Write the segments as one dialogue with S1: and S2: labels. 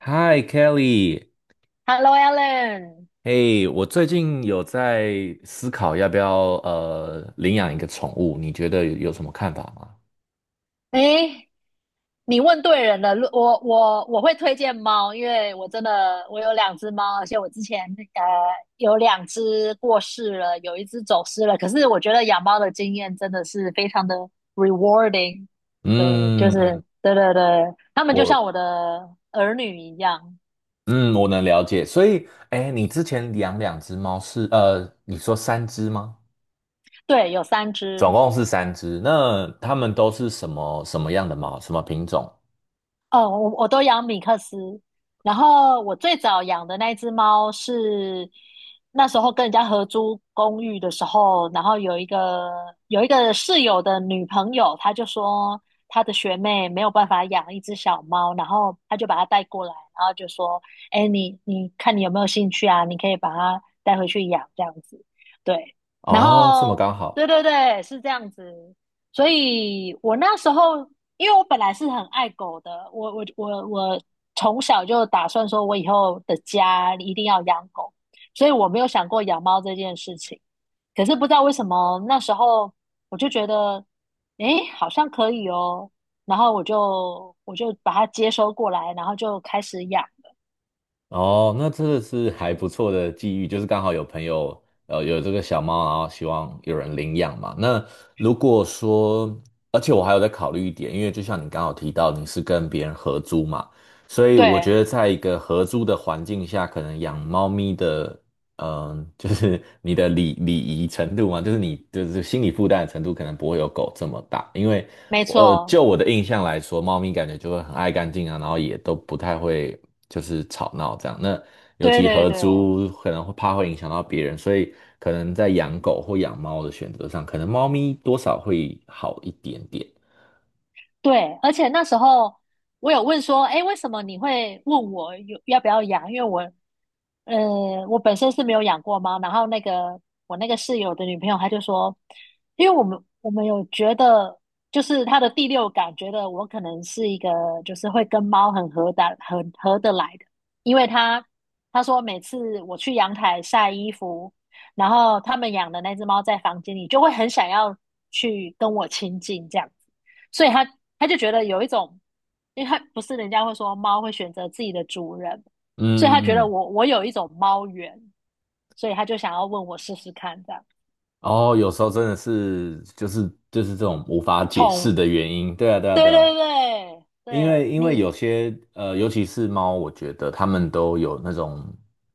S1: Hi Kelly，
S2: Hello，Alan。
S1: 嘿，我最近有在思考要不要领养一个宠物，你觉得有什么看法吗？
S2: 诶，你问对人了。如我我我会推荐猫，因为我真的我有两只猫，而且我之前呃有两只过世了，有一只走失了。可是我觉得养猫的经验真的是非常的 rewarding。对，就
S1: 嗯，
S2: 是对对对，他们就
S1: 我
S2: 像我的儿女一样。
S1: 嗯我能了解，所以哎，你之前养两只猫是你说三只吗？
S2: 对，有三
S1: 总
S2: 只。
S1: 共是三只，那它们都是什么样的猫？什么品种？
S2: 哦，我都养米克斯，然后我最早养的那一只猫是那时候跟人家合租公寓的时候，然后有一个室友的女朋友，她就说她的学妹没有办法养一只小猫，然后她就把它带过来，然后就说："哎，你看你有没有兴趣啊？你可以把它带回去养这样子。"对，然
S1: 哦，这么
S2: 后
S1: 刚
S2: 对
S1: 好。
S2: 对对，是这样子。所以我那时候，因为我本来是很爱狗的，我从小就打算说，我以后的家一定要养狗，所以我没有想过养猫这件事情。可是不知道为什么那时候我就觉得，诶，好像可以哦，然后我就把它接收过来，然后就开始养了。
S1: 哦，那真的是还不错的际遇，就是刚好有朋友有这个小猫，然后希望有人领养嘛。那如果说，而且我还有在考虑一点，因为就像你刚好提到，你是跟别人合租嘛，所以我觉
S2: 对，
S1: 得在一个合租的环境下，可能养猫咪的，嗯、就是你的礼仪程度嘛，就是你就是心理负担的程度，可能不会有狗这么大，因为，
S2: 没错，
S1: 就我的印象来说，猫咪感觉就会很爱干净啊，然后也都不太会就是吵闹这样。那尤
S2: 对
S1: 其
S2: 对
S1: 合
S2: 对
S1: 租可能会怕会影响到别人，所以可能在养狗或养猫的选择上，可能猫咪多少会好一点点。
S2: 对，而且那时候我有问说，诶，为什么你会问我有要不要养？因为我本身是没有养过猫，然后那个我那个室友的女朋友，她就说，因为我们有觉得，就是她的第六感觉得我可能是一个就是会跟猫很合得来的，因为她说每次我去阳台晒衣服，然后他们养的那只猫在房间里就会很想要去跟我亲近这样子，所以她就觉得有一种，因为她不是人家会说猫会选择自己的主人。所以他觉
S1: 嗯，
S2: 得
S1: 嗯
S2: 我有一种猫缘，所以他就想要问我试试看这样。
S1: 哦，有时候真的是就是这种无法解释
S2: 宠，
S1: 的原因。对啊，对啊，
S2: 对
S1: 对啊。
S2: 对对
S1: 因
S2: 对，
S1: 为有
S2: 你
S1: 些，尤其是猫，我觉得它们都有那种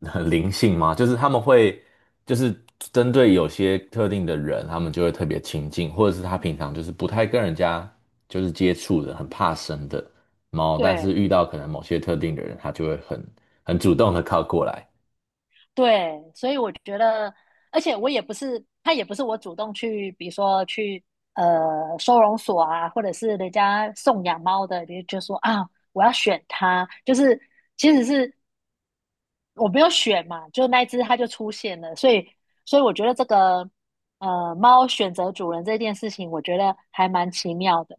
S1: 灵性嘛，就是它们会就是针对有些特定的人，它们就会特别亲近，或者是它平常就是不太跟人家就是接触的，很怕生的猫，但是
S2: 对
S1: 遇到可能某些特定的人，它就会很主动的靠过来。
S2: 对，所以我觉得，而且我也不是他也不是我主动去，比如说去收容所啊，或者是人家送养猫的，就说啊我要选它，就是其实是我没有选嘛，就那一只它就出现了，所以我觉得这个。猫选择主人这件事情，我觉得还蛮奇妙的。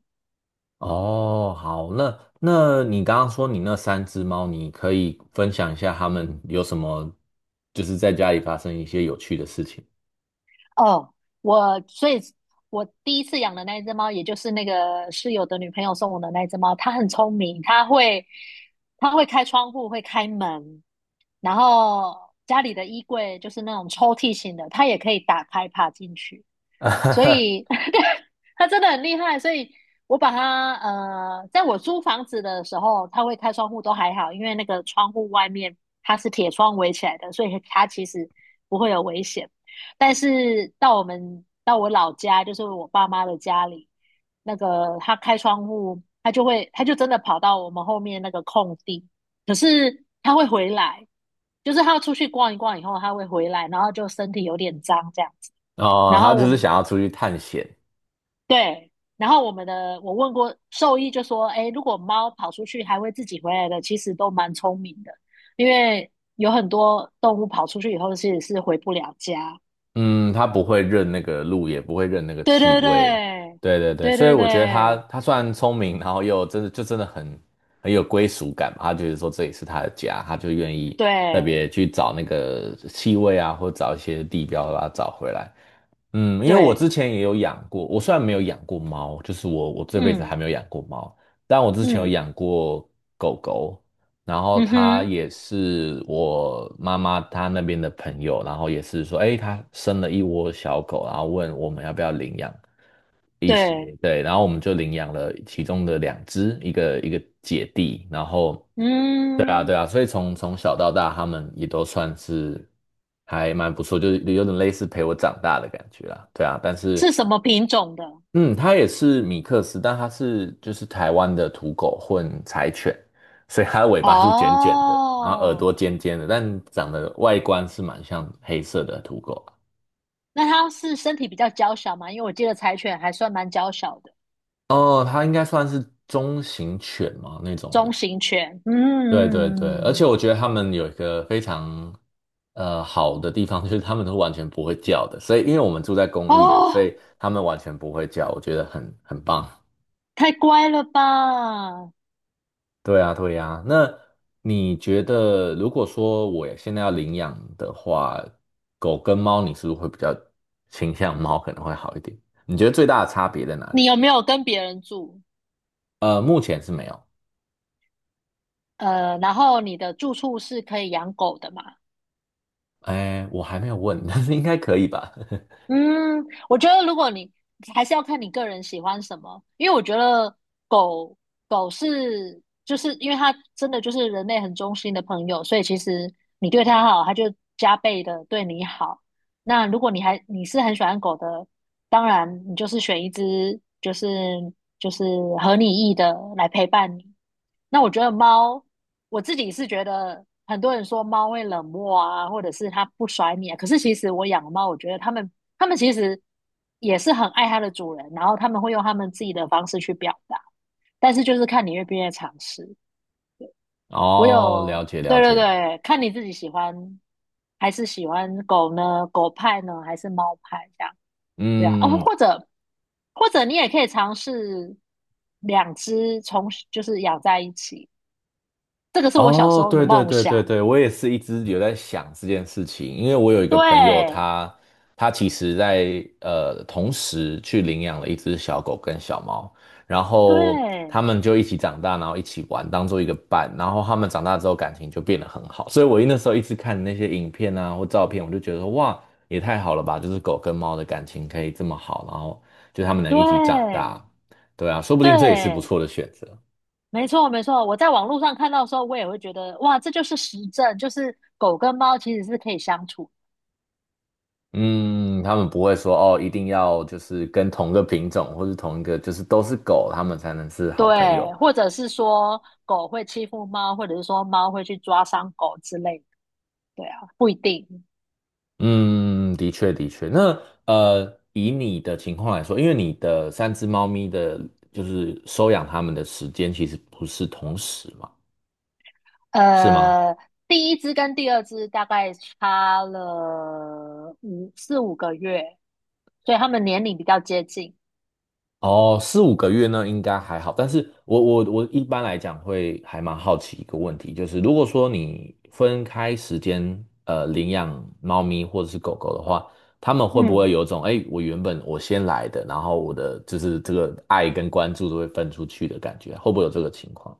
S1: 哦，好，那你刚刚说你那三只猫，你可以分享一下它们有什么就是在家里发生一些有趣的事情吗？
S2: 哦，我所以，我第一次养的那一只猫，也就是那个室友的女朋友送我的那一只猫，它很聪明，它会开窗户，会开门，然后家里的衣柜就是那种抽屉型的，它也可以打开爬进去，所以 它真的很厉害。所以我把它在我租房子的时候，它会开窗户都还好，因为那个窗户外面它是铁窗围起来的，所以它其实不会有危险。但是到我老家，就是我爸妈的家里，那个他开窗户，他就真的跑到我们后面那个空地，可是它会回来，就是它出去逛一逛以后，它会回来，然后就身体有点脏这样子。
S1: 哦，
S2: 然
S1: 他
S2: 后我
S1: 就是
S2: 们
S1: 想要出去探险，
S2: 对，然后我们的我问过兽医，就说，哎，如果猫跑出去还会自己回来的，其实都蛮聪明的，因为有很多动物跑出去以后其实是回不了家。
S1: 嗯，他不会认那个路，也不会认那个
S2: 对
S1: 气
S2: 对
S1: 味，
S2: 对，
S1: 对对对，
S2: 对
S1: 所以
S2: 对对
S1: 我觉得他虽然聪明，然后又真的真的很有归属感嘛，他觉得说这里是他的家，他就愿意特别
S2: 对
S1: 去找那个气味啊，或者找一些地标把它找回来。嗯，因为我之
S2: 对，
S1: 前也有养过，我虽然没有养过猫，就是我这辈子还
S2: 嗯
S1: 没有养过猫，但我之前有
S2: 嗯
S1: 养过狗狗，然后
S2: 嗯
S1: 它
S2: 哼，
S1: 也是我妈妈她那边的朋友，然后也是说，哎，她生了一窝小狗，然后问我们要不要领养，一些，
S2: 对，
S1: 对，然后我们就领养了其中的两只，一个姐弟，然后，对啊，对
S2: 嗯，
S1: 啊，所以从小到大，他们也都算是还蛮不错，就是有点类似陪我长大的感觉啦，对啊，但
S2: 是
S1: 是，
S2: 什么品种的？
S1: 嗯，它也是米克斯，但它是就是台湾的土狗混柴犬，所以它的尾巴是卷卷的，然后耳
S2: 哦，
S1: 朵尖尖的，但长得外观是蛮像黑色的土狗啊。
S2: 那它是身体比较娇小嘛？因为我记得柴犬还算蛮娇小的，
S1: 哦，它应该算是中型犬嘛那种的。
S2: 中型犬。嗯
S1: 对对对，
S2: 嗯
S1: 而
S2: 嗯，
S1: 且
S2: 嗯
S1: 我觉得他们有一个非常好的地方，就是他们都完全不会叫的，所以因为我们住在公寓里，所
S2: 哦，
S1: 以他们完全不会叫，我觉得很棒。
S2: 太乖了吧？
S1: 对啊，对啊。那你觉得，如果说我现在要领养的话，狗跟猫，你是不是会比较倾向猫可能会好一点？你觉得最大的差别在哪
S2: 你
S1: 里？
S2: 有没有跟别人住？
S1: 呃，目前是没有。
S2: 然后你的住处是可以养狗的嘛？
S1: 哎，我还没有问，但是应该可以吧？
S2: 嗯，我觉得如果你还是要看你个人喜欢什么，因为我觉得狗狗是就是因为它真的就是人类很忠心的朋友，所以其实你对它好，它就加倍的对你好。那如果你是很喜欢狗的，当然你就是选一只就是合你意的来陪伴你。那我觉得猫，我自己是觉得很多人说猫会冷漠啊，或者是它不甩你啊。可是其实我养的猫，我觉得它们其实也是很爱它的主人，然后他们会用他们自己的方式去表达，但是就是看你愿不愿意尝试。我
S1: 哦，了
S2: 有，
S1: 解了
S2: 对对
S1: 解。
S2: 对，看你自己喜欢还是喜欢狗呢？狗派呢，还是猫派这样？对啊，哦，
S1: 嗯，
S2: 或者你也可以尝试两只就是养在一起。这个是我小时
S1: 哦，
S2: 候的
S1: 对对
S2: 梦
S1: 对对
S2: 想。
S1: 对，我也是一直有在想这件事情，因为我有一个朋友
S2: 对，
S1: 他，他其实在同时去领养了一只小狗跟小猫，然后
S2: 对，
S1: 他们就一起长大，然后一起玩，当做一个伴，然后他们长大之后感情就变得很好，所以我那时候一直看那些影片啊或照片，我就觉得说哇，也太好了吧，就是狗跟猫的感情可以这么好，然后就他们能一起长大，
S2: 对，
S1: 对啊，说不定这也是不
S2: 对，
S1: 错的选择。
S2: 没错，没错。我在网络上看到的时候，我也会觉得，哇，这就是实证，就是狗跟猫其实是可以相处。
S1: 嗯，他们不会说哦，一定要就是跟同个品种或是同一个就是都是狗，他们才能是好朋友。
S2: 对，或者是说狗会欺负猫，或者是说猫会去抓伤狗之类的。对啊，不一定。
S1: 嗯，的确的确。那，以你的情况来说，因为你的三只猫咪的，就是收养它们的时间其实不是同时嘛，是吗？
S2: 呃，第一只跟第二只大概差了四五个月，所以它们年龄比较接近。
S1: 哦，四五个月呢，应该还好。但是我一般来讲会还蛮好奇一个问题，就是如果说你分开时间，领养猫咪或者是狗狗的话，他们会不
S2: 嗯。
S1: 会有一种，哎，我原本我先来的，然后我的就是这个爱跟关注都会分出去的感觉，会不会有这个情况？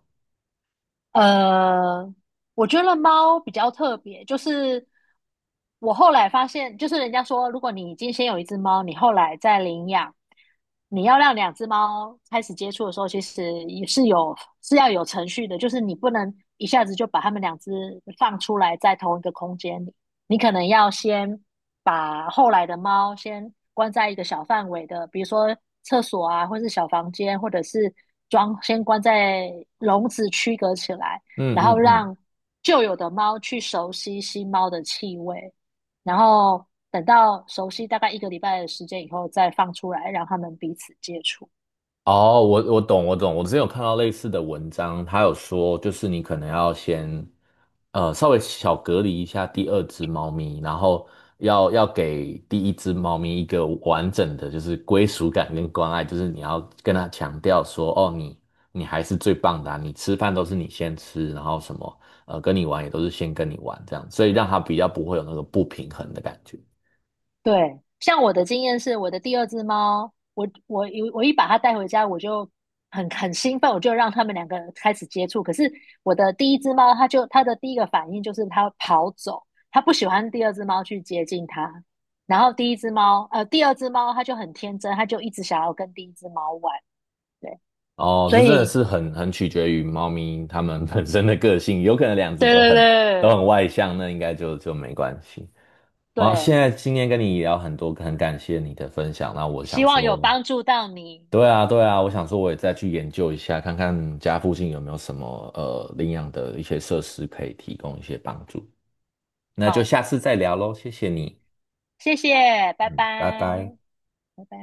S2: 呃，我觉得猫比较特别，就是我后来发现，就是人家说，如果你已经先有一只猫，你后来再领养，你要让两只猫开始接触的时候，其实也是要有程序的，就是你不能一下子就把它们两只放出来在同一个空间里，你可能要先，把后来的猫先关在一个小范围的，比如说厕所啊，或是小房间，或者是先关在笼子区隔起来，
S1: 嗯
S2: 然后
S1: 嗯嗯。
S2: 让旧有的猫去熟悉新猫的气味，然后等到熟悉大概一个礼拜的时间以后再放出来，让它们彼此接触。
S1: 哦，我懂，我懂。我之前有看到类似的文章，他有说，就是你可能要先，稍微小隔离一下第二只猫咪，然后要给第一只猫咪一个完整的，就是归属感跟关爱，就是你要跟它强调说，哦，你还是最棒的啊你吃饭都是你先吃，然后什么，跟你玩也都是先跟你玩这样，所以让它比较不会有那个不平衡的感觉。
S2: 对，像我的经验是，我的第二只猫，我一把它带回家，我就很兴奋，我就让他们两个开始接触。可是我的第一只猫，它的第一个反应就是它跑走，它不喜欢第二只猫去接近它。然后第二只猫它就很天真，它就一直想要跟第一只猫玩。对，
S1: 哦，这
S2: 所
S1: 真的
S2: 以
S1: 是很取决于猫咪它们本身的个性，有可能两只
S2: 对
S1: 都
S2: 对
S1: 很
S2: 对
S1: 外向，那应该就没关系。哇，现
S2: 对，
S1: 在今天跟你聊很多，很感谢你的分享。那我想
S2: 希望有
S1: 说，
S2: 帮助到你。
S1: 对啊对啊，我想说我也再去研究一下，看看家附近有没有什么领养的一些设施可以提供一些帮助。那就
S2: 好，
S1: 下次再聊喽，谢谢你，
S2: 谢谢，拜拜，
S1: 嗯，拜拜。
S2: 拜拜。